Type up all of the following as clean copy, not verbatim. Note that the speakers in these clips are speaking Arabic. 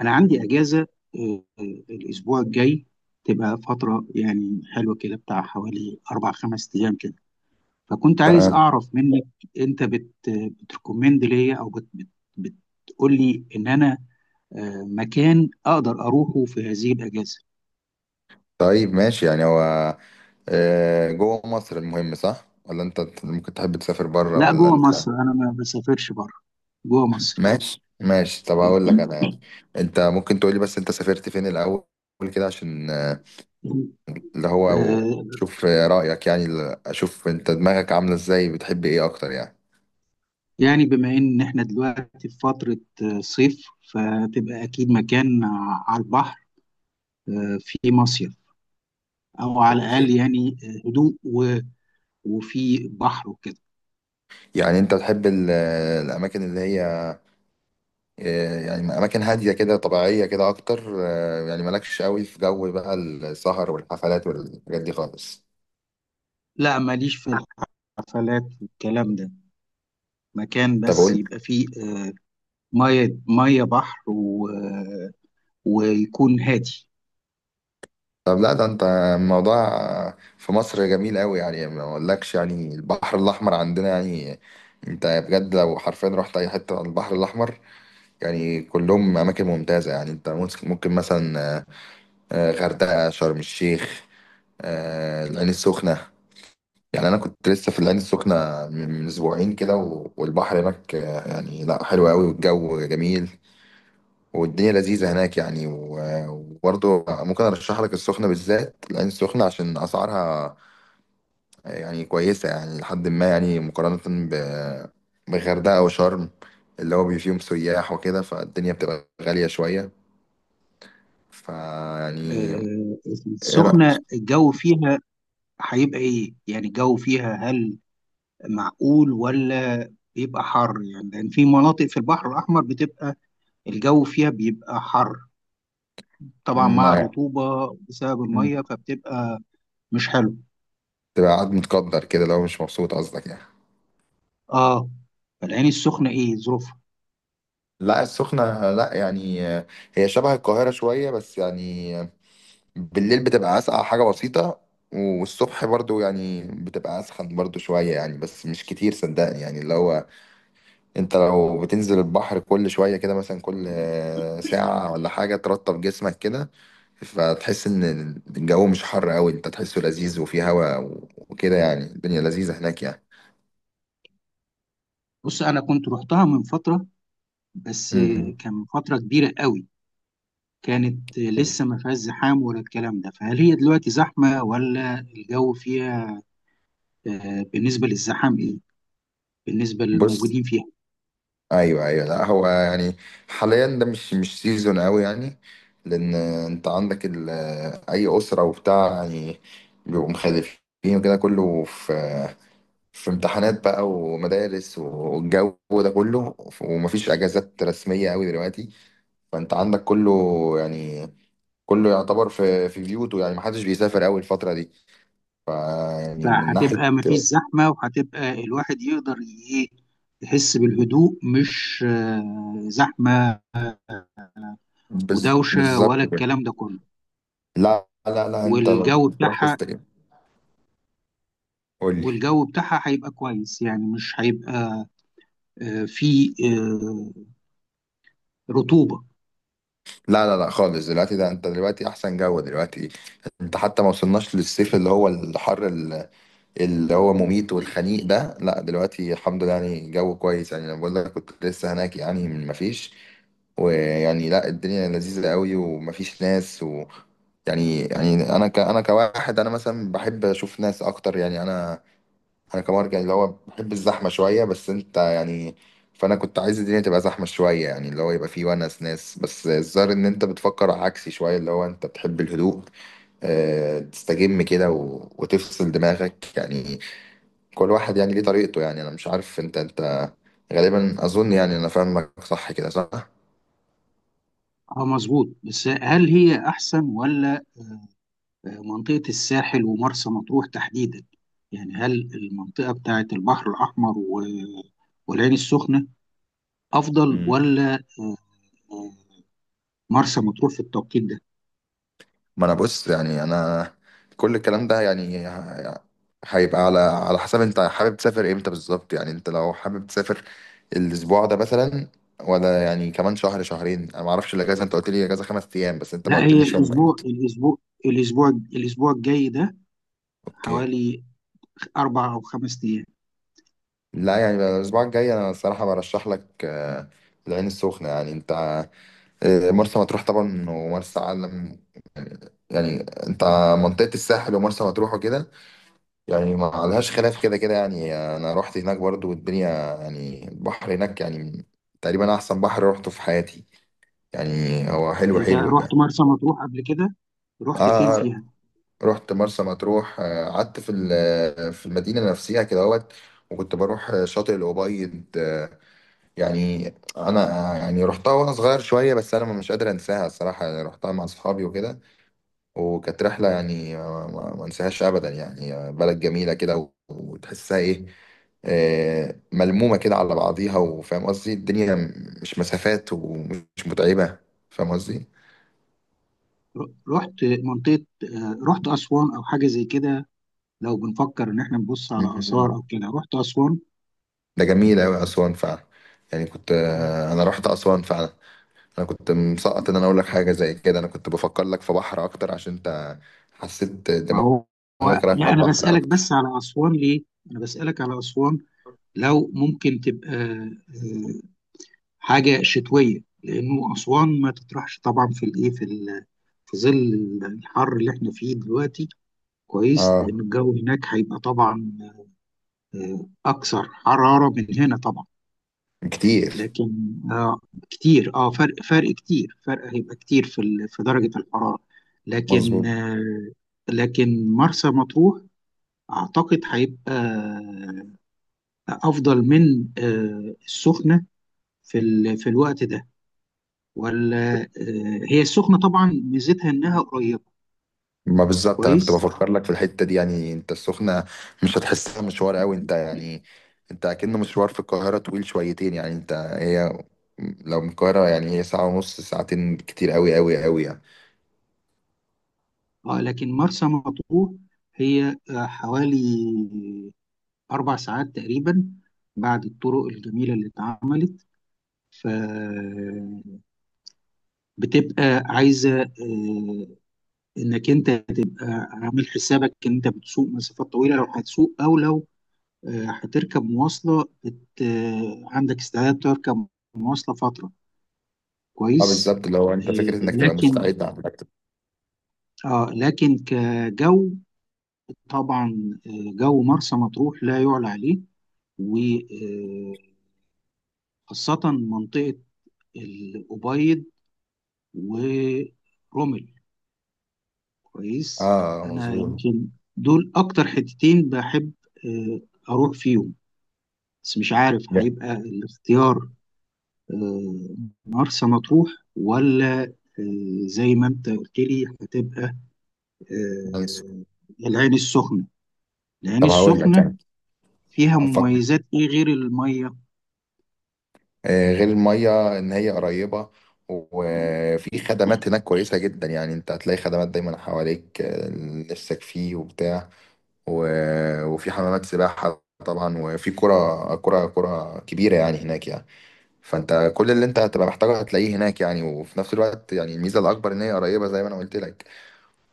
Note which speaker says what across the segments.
Speaker 1: انا عندي اجازه. آه، آه، الاسبوع الجاي تبقى فتره يعني حلوه كده بتاع حوالي 4 5 ايام كده. فكنت عايز
Speaker 2: تمام.
Speaker 1: اعرف منك انت بتركومند ليا او بت بت بتقول لي ان انا مكان اقدر اروحه في هذه الاجازه.
Speaker 2: طيب ماشي، يعني هو جوه مصر المهم، صح ولا انت ممكن تحب تسافر بره
Speaker 1: لا،
Speaker 2: ولا
Speaker 1: جوه
Speaker 2: انت؟
Speaker 1: مصر، انا ما بسافرش بره، جوه مصر.
Speaker 2: ماشي ماشي، طب هقول لك انا يعني، انت ممكن تقولي بس انت سافرت فين الاول كده عشان اللي هو
Speaker 1: آه،
Speaker 2: شوف رأيك، يعني اشوف انت دماغك عاملة ازاي، بتحب ايه اكتر يعني.
Speaker 1: يعني بما ان احنا دلوقتي في فتره صيف، فتبقى اكيد مكان على البحر، في مصيف، او على الاقل
Speaker 2: اوكي،
Speaker 1: يعني هدوء وفي بحر وكده.
Speaker 2: يعني انت بتحب الاماكن اللي هي يعني اماكن هادية كده طبيعية كده اكتر، يعني مالكش قوي في جو بقى السهر والحفلات والحاجات دي خالص؟
Speaker 1: لا ماليش في الحفلات والكلام ده، مكان
Speaker 2: طب
Speaker 1: بس
Speaker 2: قول.
Speaker 1: يبقى فيه ميه ميه بحر ويكون هادي.
Speaker 2: طب لا ده انت، الموضوع في مصر جميل قوي يعني، ما اقولكش يعني، البحر الاحمر عندنا يعني انت بجد لو حرفيا رحت اي حته على البحر الاحمر يعني كلهم اماكن ممتازه. يعني انت ممكن مثلا غردقه، شرم الشيخ، العين السخنه. يعني انا كنت لسه في العين السخنه من اسبوعين كده، والبحر هناك يعني لا حلو قوي والجو جميل والدنيا لذيذة هناك يعني. وبرضه ممكن أرشح لك السخنة بالذات، لأن السخنة عشان أسعارها يعني كويسة، يعني لحد ما يعني مقارنة ب- بغردقة وشرم اللي هو بي فيهم سياح وكده، فالدنيا بتبقى غالية شوية. فيعني،
Speaker 1: آه،
Speaker 2: إيه
Speaker 1: السخنة
Speaker 2: رأيك؟
Speaker 1: الجو فيها هيبقى ايه؟ يعني الجو فيها هل معقول ولا بيبقى حر؟ يعني لان في مناطق في البحر الاحمر بتبقى الجو فيها بيبقى حر، طبعا
Speaker 2: ما
Speaker 1: مع الرطوبة بسبب المية، فبتبقى مش حلو.
Speaker 2: تبقى قاعد متقدر كده لو مش مبسوط، قصدك يعني.
Speaker 1: اه، فالعين السخنة ايه ظروفها؟
Speaker 2: لا السخنة لا، يعني هي شبه القاهرة شوية، بس يعني بالليل بتبقى اسقع حاجة بسيطة، والصبح برضو يعني بتبقى اسخن برضو شوية، يعني بس مش كتير صدقني، يعني اللي هو انت لو بتنزل البحر كل شوية كده، مثلا كل ساعة ولا حاجة، ترطب جسمك كده، فتحس ان الجو مش حر قوي، انت تحسه لذيذ وفيه هوا وكده، يعني الدنيا لذيذة هناك يعني.
Speaker 1: بص، انا كنت رحتها من فترة، بس
Speaker 2: مم.
Speaker 1: كان من فترة كبيرة قوي، كانت لسه ما فيهاش زحام ولا الكلام ده. فهل هي دلوقتي زحمة ولا الجو فيها بالنسبة للزحام ايه، بالنسبة
Speaker 2: بص،
Speaker 1: للموجودين فيها؟
Speaker 2: ايوه ايوه، لا هو يعني حاليا ده مش سيزون قوي يعني، لان انت عندك اي اسره وبتاع يعني بيبقوا مخلفين وكده، كله في امتحانات بقى ومدارس والجو ده كله، ومفيش اجازات رسميه قوي دلوقتي. فانت عندك كله، يعني كله يعتبر في بيوته، يعني محدش بيسافر قوي الفتره دي. ف يعني من ناحيه
Speaker 1: فهتبقى ما فيش زحمة، وهتبقى الواحد يقدر ايه، يحس بالهدوء، مش زحمة ودوشة
Speaker 2: بالظبط
Speaker 1: ولا
Speaker 2: كده.
Speaker 1: الكلام ده كله.
Speaker 2: لا لا لا، انت لو
Speaker 1: والجو
Speaker 2: تروح
Speaker 1: بتاعها
Speaker 2: تستقيم، قول لي.
Speaker 1: والجو بتاعها هيبقى كويس، يعني مش هيبقى في رطوبه.
Speaker 2: لا لا لا خالص، دلوقتي ده انت دلوقتي احسن جو دلوقتي، انت حتى ما وصلناش للصيف اللي هو الحر اللي هو مميت والخنيق ده، لا دلوقتي الحمد لله يعني جو كويس. يعني انا بقول لك كنت لسه هناك يعني، من ما فيش، ويعني لا الدنيا لذيذة قوي ومفيش ناس و يعني يعني انا انا كواحد انا مثلا بحب اشوف ناس اكتر يعني. انا انا كمان كان اللي هو بحب الزحمه شويه، بس انت يعني، فانا كنت عايز الدنيا تبقى زحمه شويه يعني، اللي هو يبقى فيه ونس ناس. بس الظاهر ان انت بتفكر عكسي شويه، اللي هو انت بتحب الهدوء، أه تستجم كده وتفصل دماغك يعني. كل واحد يعني ليه طريقته يعني، انا مش عارف انت غالبا اظن، يعني انا فاهمك صح كده، صح؟
Speaker 1: اه مظبوط. بس هل هي احسن ولا منطقه الساحل ومرسى مطروح تحديدا؟ يعني هل المنطقه بتاعه البحر الاحمر والعين السخنه افضل ولا آه، مرسى مطروح في التوقيت ده؟
Speaker 2: ما انا بص، يعني انا كل الكلام ده يعني هيبقى على حسب انت حابب تسافر امتى بالظبط. يعني انت لو حابب تسافر الاسبوع ده مثلا، ولا يعني كمان شهر شهرين، انا ما اعرفش الاجازه، انت قلت لي اجازه 5 ايام بس انت ما
Speaker 1: لا هي
Speaker 2: قلتليش هم
Speaker 1: الاسبوع
Speaker 2: امتى.
Speaker 1: الاسبوع الاسبوع الاسبوع الجاي ده،
Speaker 2: اوكي.
Speaker 1: حوالي 4 او 5 ايام.
Speaker 2: لا، يعني بقى الاسبوع الجاي، انا الصراحه برشح لك العين السخنه. يعني انت مرسى مطروح طبعا ومرسى علم، يعني انت منطقه الساحل ومرسى مطروح وكده يعني ما لهاش خلاف كده كده، يعني انا رحت هناك برضو والدنيا يعني البحر هناك يعني تقريبا احسن بحر روحته في حياتي، يعني هو حلو
Speaker 1: انت
Speaker 2: حلو
Speaker 1: رحت
Speaker 2: يعني.
Speaker 1: مرسى مطروح قبل كده؟ رحت فين
Speaker 2: اه،
Speaker 1: فيها؟
Speaker 2: رحت مرسى مطروح، قعدت في في المدينة نفسها كده اهوت، وكنت بروح شاطئ الأبيض. يعني انا يعني رحتها وانا صغير شوية، بس انا مش قادر انساها الصراحة يعني، رحتها مع اصحابي وكده، وكانت رحلة يعني ما انساهاش أبدا. يعني بلد جميلة كده وتحسها إيه، ملمومة كده على بعضيها، وفاهم قصدي الدنيا مش مسافات ومش متعبة، فاهم قصدي.
Speaker 1: رحت منطقة آه، رحت أسوان أو حاجة زي كده. لو بنفكر إن إحنا نبص على
Speaker 2: مم.
Speaker 1: آثار أو كده، رحت أسوان؟
Speaker 2: ده جميل أوي أسوان فعلا، يعني كنت أنا رحت أسوان فعلا. أنا كنت مسقط إن أنا أقول لك حاجة زي كده، أنا كنت بفكر لك في بحر أكتر عشان أنت حسيت
Speaker 1: ما
Speaker 2: دماغك
Speaker 1: هو،
Speaker 2: رايح على
Speaker 1: لا أنا
Speaker 2: البحر
Speaker 1: بسألك
Speaker 2: أكتر.
Speaker 1: بس على أسوان ليه؟ أنا بسألك على أسوان لو ممكن تبقى حاجة شتوية، لأنه أسوان ما تطرحش طبعا في الإيه في ظل الحر اللي إحنا فيه دلوقتي، كويس،
Speaker 2: آه،
Speaker 1: لأن الجو هناك هيبقى طبعا أكثر حرارة من هنا طبعا.
Speaker 2: كتير،
Speaker 1: لكن اه، كتير اه، فرق هيبقى كتير في في درجة الحرارة. لكن
Speaker 2: مظبوط.
Speaker 1: آه لكن مرسى مطروح اعتقد هيبقى افضل من السخنة في في الوقت ده، ولا هي السخنة طبعا ميزتها انها قريبة،
Speaker 2: ما بالظبط انا كنت
Speaker 1: كويس.
Speaker 2: بفكر لك في الحته دي، يعني انت السخنه مش هتحسها مشوار قوي انت يعني، انت اكنه مشوار في القاهره طويل شويتين، يعني انت هي لو من القاهره يعني هي ساعه ونص، ساعتين كتير قوي قوي قوي يعني.
Speaker 1: اه لكن مرسى مطروح هي حوالي 4 ساعات تقريبا بعد الطرق الجميلة اللي اتعملت، ف بتبقى عايزه انك انت تبقى عامل حسابك ان انت بتسوق مسافات طويله لو هتسوق، او لو هتركب مواصله بت... آه، عندك استعداد تركب مواصله فتره،
Speaker 2: اه
Speaker 1: كويس.
Speaker 2: بالظبط، اللي هو انت
Speaker 1: آه،
Speaker 2: فكره انك تبقى
Speaker 1: لكن
Speaker 2: مستعد على انك تبقى-
Speaker 1: اه لكن كجو طبعا جو مرسى مطروح لا يعلى عليه، وخاصه منطقه الأبيض ورمل،
Speaker 2: اه
Speaker 1: كويس. انا
Speaker 2: مظبوط.
Speaker 1: يمكن دول اكتر حتتين بحب آه، اروح فيهم، بس مش عارف
Speaker 2: yeah.
Speaker 1: هيبقى الاختيار آه، مرسى مطروح ولا زي ما انت قلت لي هتبقى
Speaker 2: nice.
Speaker 1: آه، العين السخنة. العين
Speaker 2: طب هقول لك
Speaker 1: السخنة
Speaker 2: يعني،
Speaker 1: فيها
Speaker 2: افكر،
Speaker 1: مميزات ايه غير المية؟
Speaker 2: غير الميه ان هي قريبه، وفي خدمات هناك كويسه جدا، يعني انت هتلاقي خدمات دايما حواليك نفسك فيه وبتاع، و... وفي حمامات سباحة طبعا، وفي كرة كبيرة يعني هناك يعني. فانت كل اللي انت هتبقى محتاجه هتلاقيه هناك يعني، وفي نفس الوقت يعني الميزة الأكبر ان هي قريبة زي ما انا قلت لك.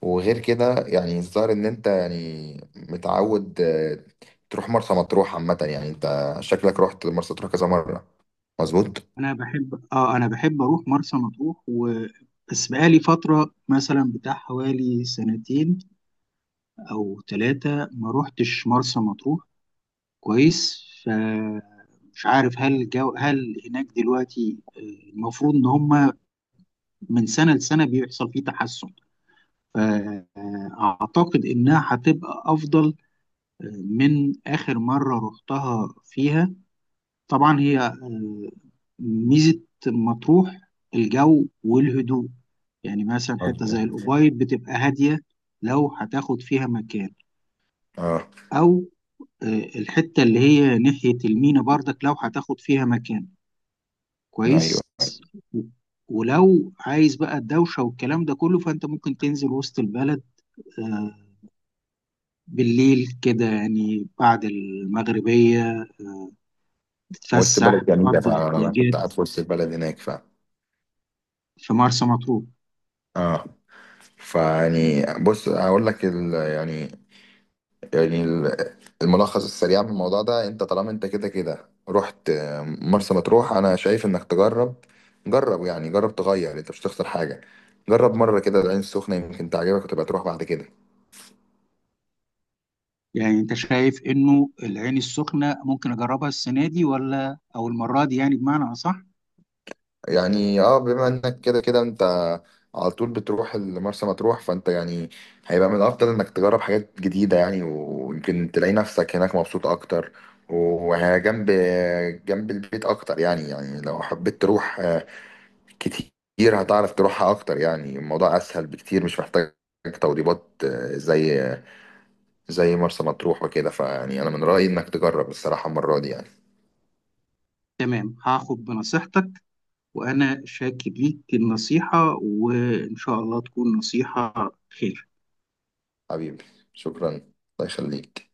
Speaker 2: وغير كده يعني الظاهر ان انت يعني متعود تروح مرسى مطروح عامة، يعني انت شكلك رحت مرسى مطروح كذا مرة، مظبوط؟
Speaker 1: انا بحب، اروح مرسى مطروح، و بس بقالي فترة مثلا بتاع حوالي سنتين أو 3 ما روحتش مرسى مطروح، كويس. فمش عارف هل هناك دلوقتي المفروض ان هم من سنه لسنه بيحصل فيه تحسن، فاعتقد انها هتبقى افضل من اخر مره رحتها فيها. طبعا هي ميزه مطروح الجو والهدوء، يعني مثلا حته زي
Speaker 2: مظبوط.
Speaker 1: الأوبايد بتبقى هاديه لو هتاخد فيها مكان،
Speaker 2: اه،
Speaker 1: او آه، الحته اللي هي ناحيه المينا بردك لو هتاخد فيها مكان، كويس.
Speaker 2: ايوه،
Speaker 1: ولو عايز بقى الدوشة والكلام ده كله، فأنت ممكن تنزل وسط البلد آه، بالليل كده، يعني بعد المغربية،
Speaker 2: وسط
Speaker 1: تتفسح
Speaker 2: البلد جميلة
Speaker 1: تقضي
Speaker 2: فعلا، أنا
Speaker 1: الاحتياجات
Speaker 2: كنت قاعد في وسط البلد هناك فعلا.
Speaker 1: في مرسى مطروح.
Speaker 2: اه. فيعني بص هقول لك يعني يعني الملخص السريع من الموضوع ده، انت طالما انت كده كده رحت مرسى مطروح، انا شايف انك تجرب. جرب يعني، جرب تغير انت مش هتخسر حاجة، جرب مرة كده العين السخنة، يمكن تعجبك وتبقى تروح بعد كده.
Speaker 1: يعني أنت شايف إنه العين السخنة ممكن أجربها السنة دي ولا أو المرة دي، يعني بمعنى أصح؟
Speaker 2: يعني اه، بما انك كده كده انت على طول بتروح مرسى مطروح، فانت يعني هيبقى من الافضل انك تجرب حاجات جديدة يعني، ويمكن تلاقي نفسك هناك مبسوط اكتر. وهي جنب البيت اكتر يعني، يعني لو حبيت تروح كتير هتعرف تروحها اكتر، يعني الموضوع اسهل بكتير، مش محتاج توضيبات زي مرسى مطروح وكده. فيعني انا من رأيي انك تجرب الصراحة المرة دي يعني.
Speaker 1: تمام، هاخد بنصيحتك، وأنا شاكر ليك النصيحة، وإن شاء الله تكون نصيحة خير.
Speaker 2: حبيبي، شكرا الله يخليك.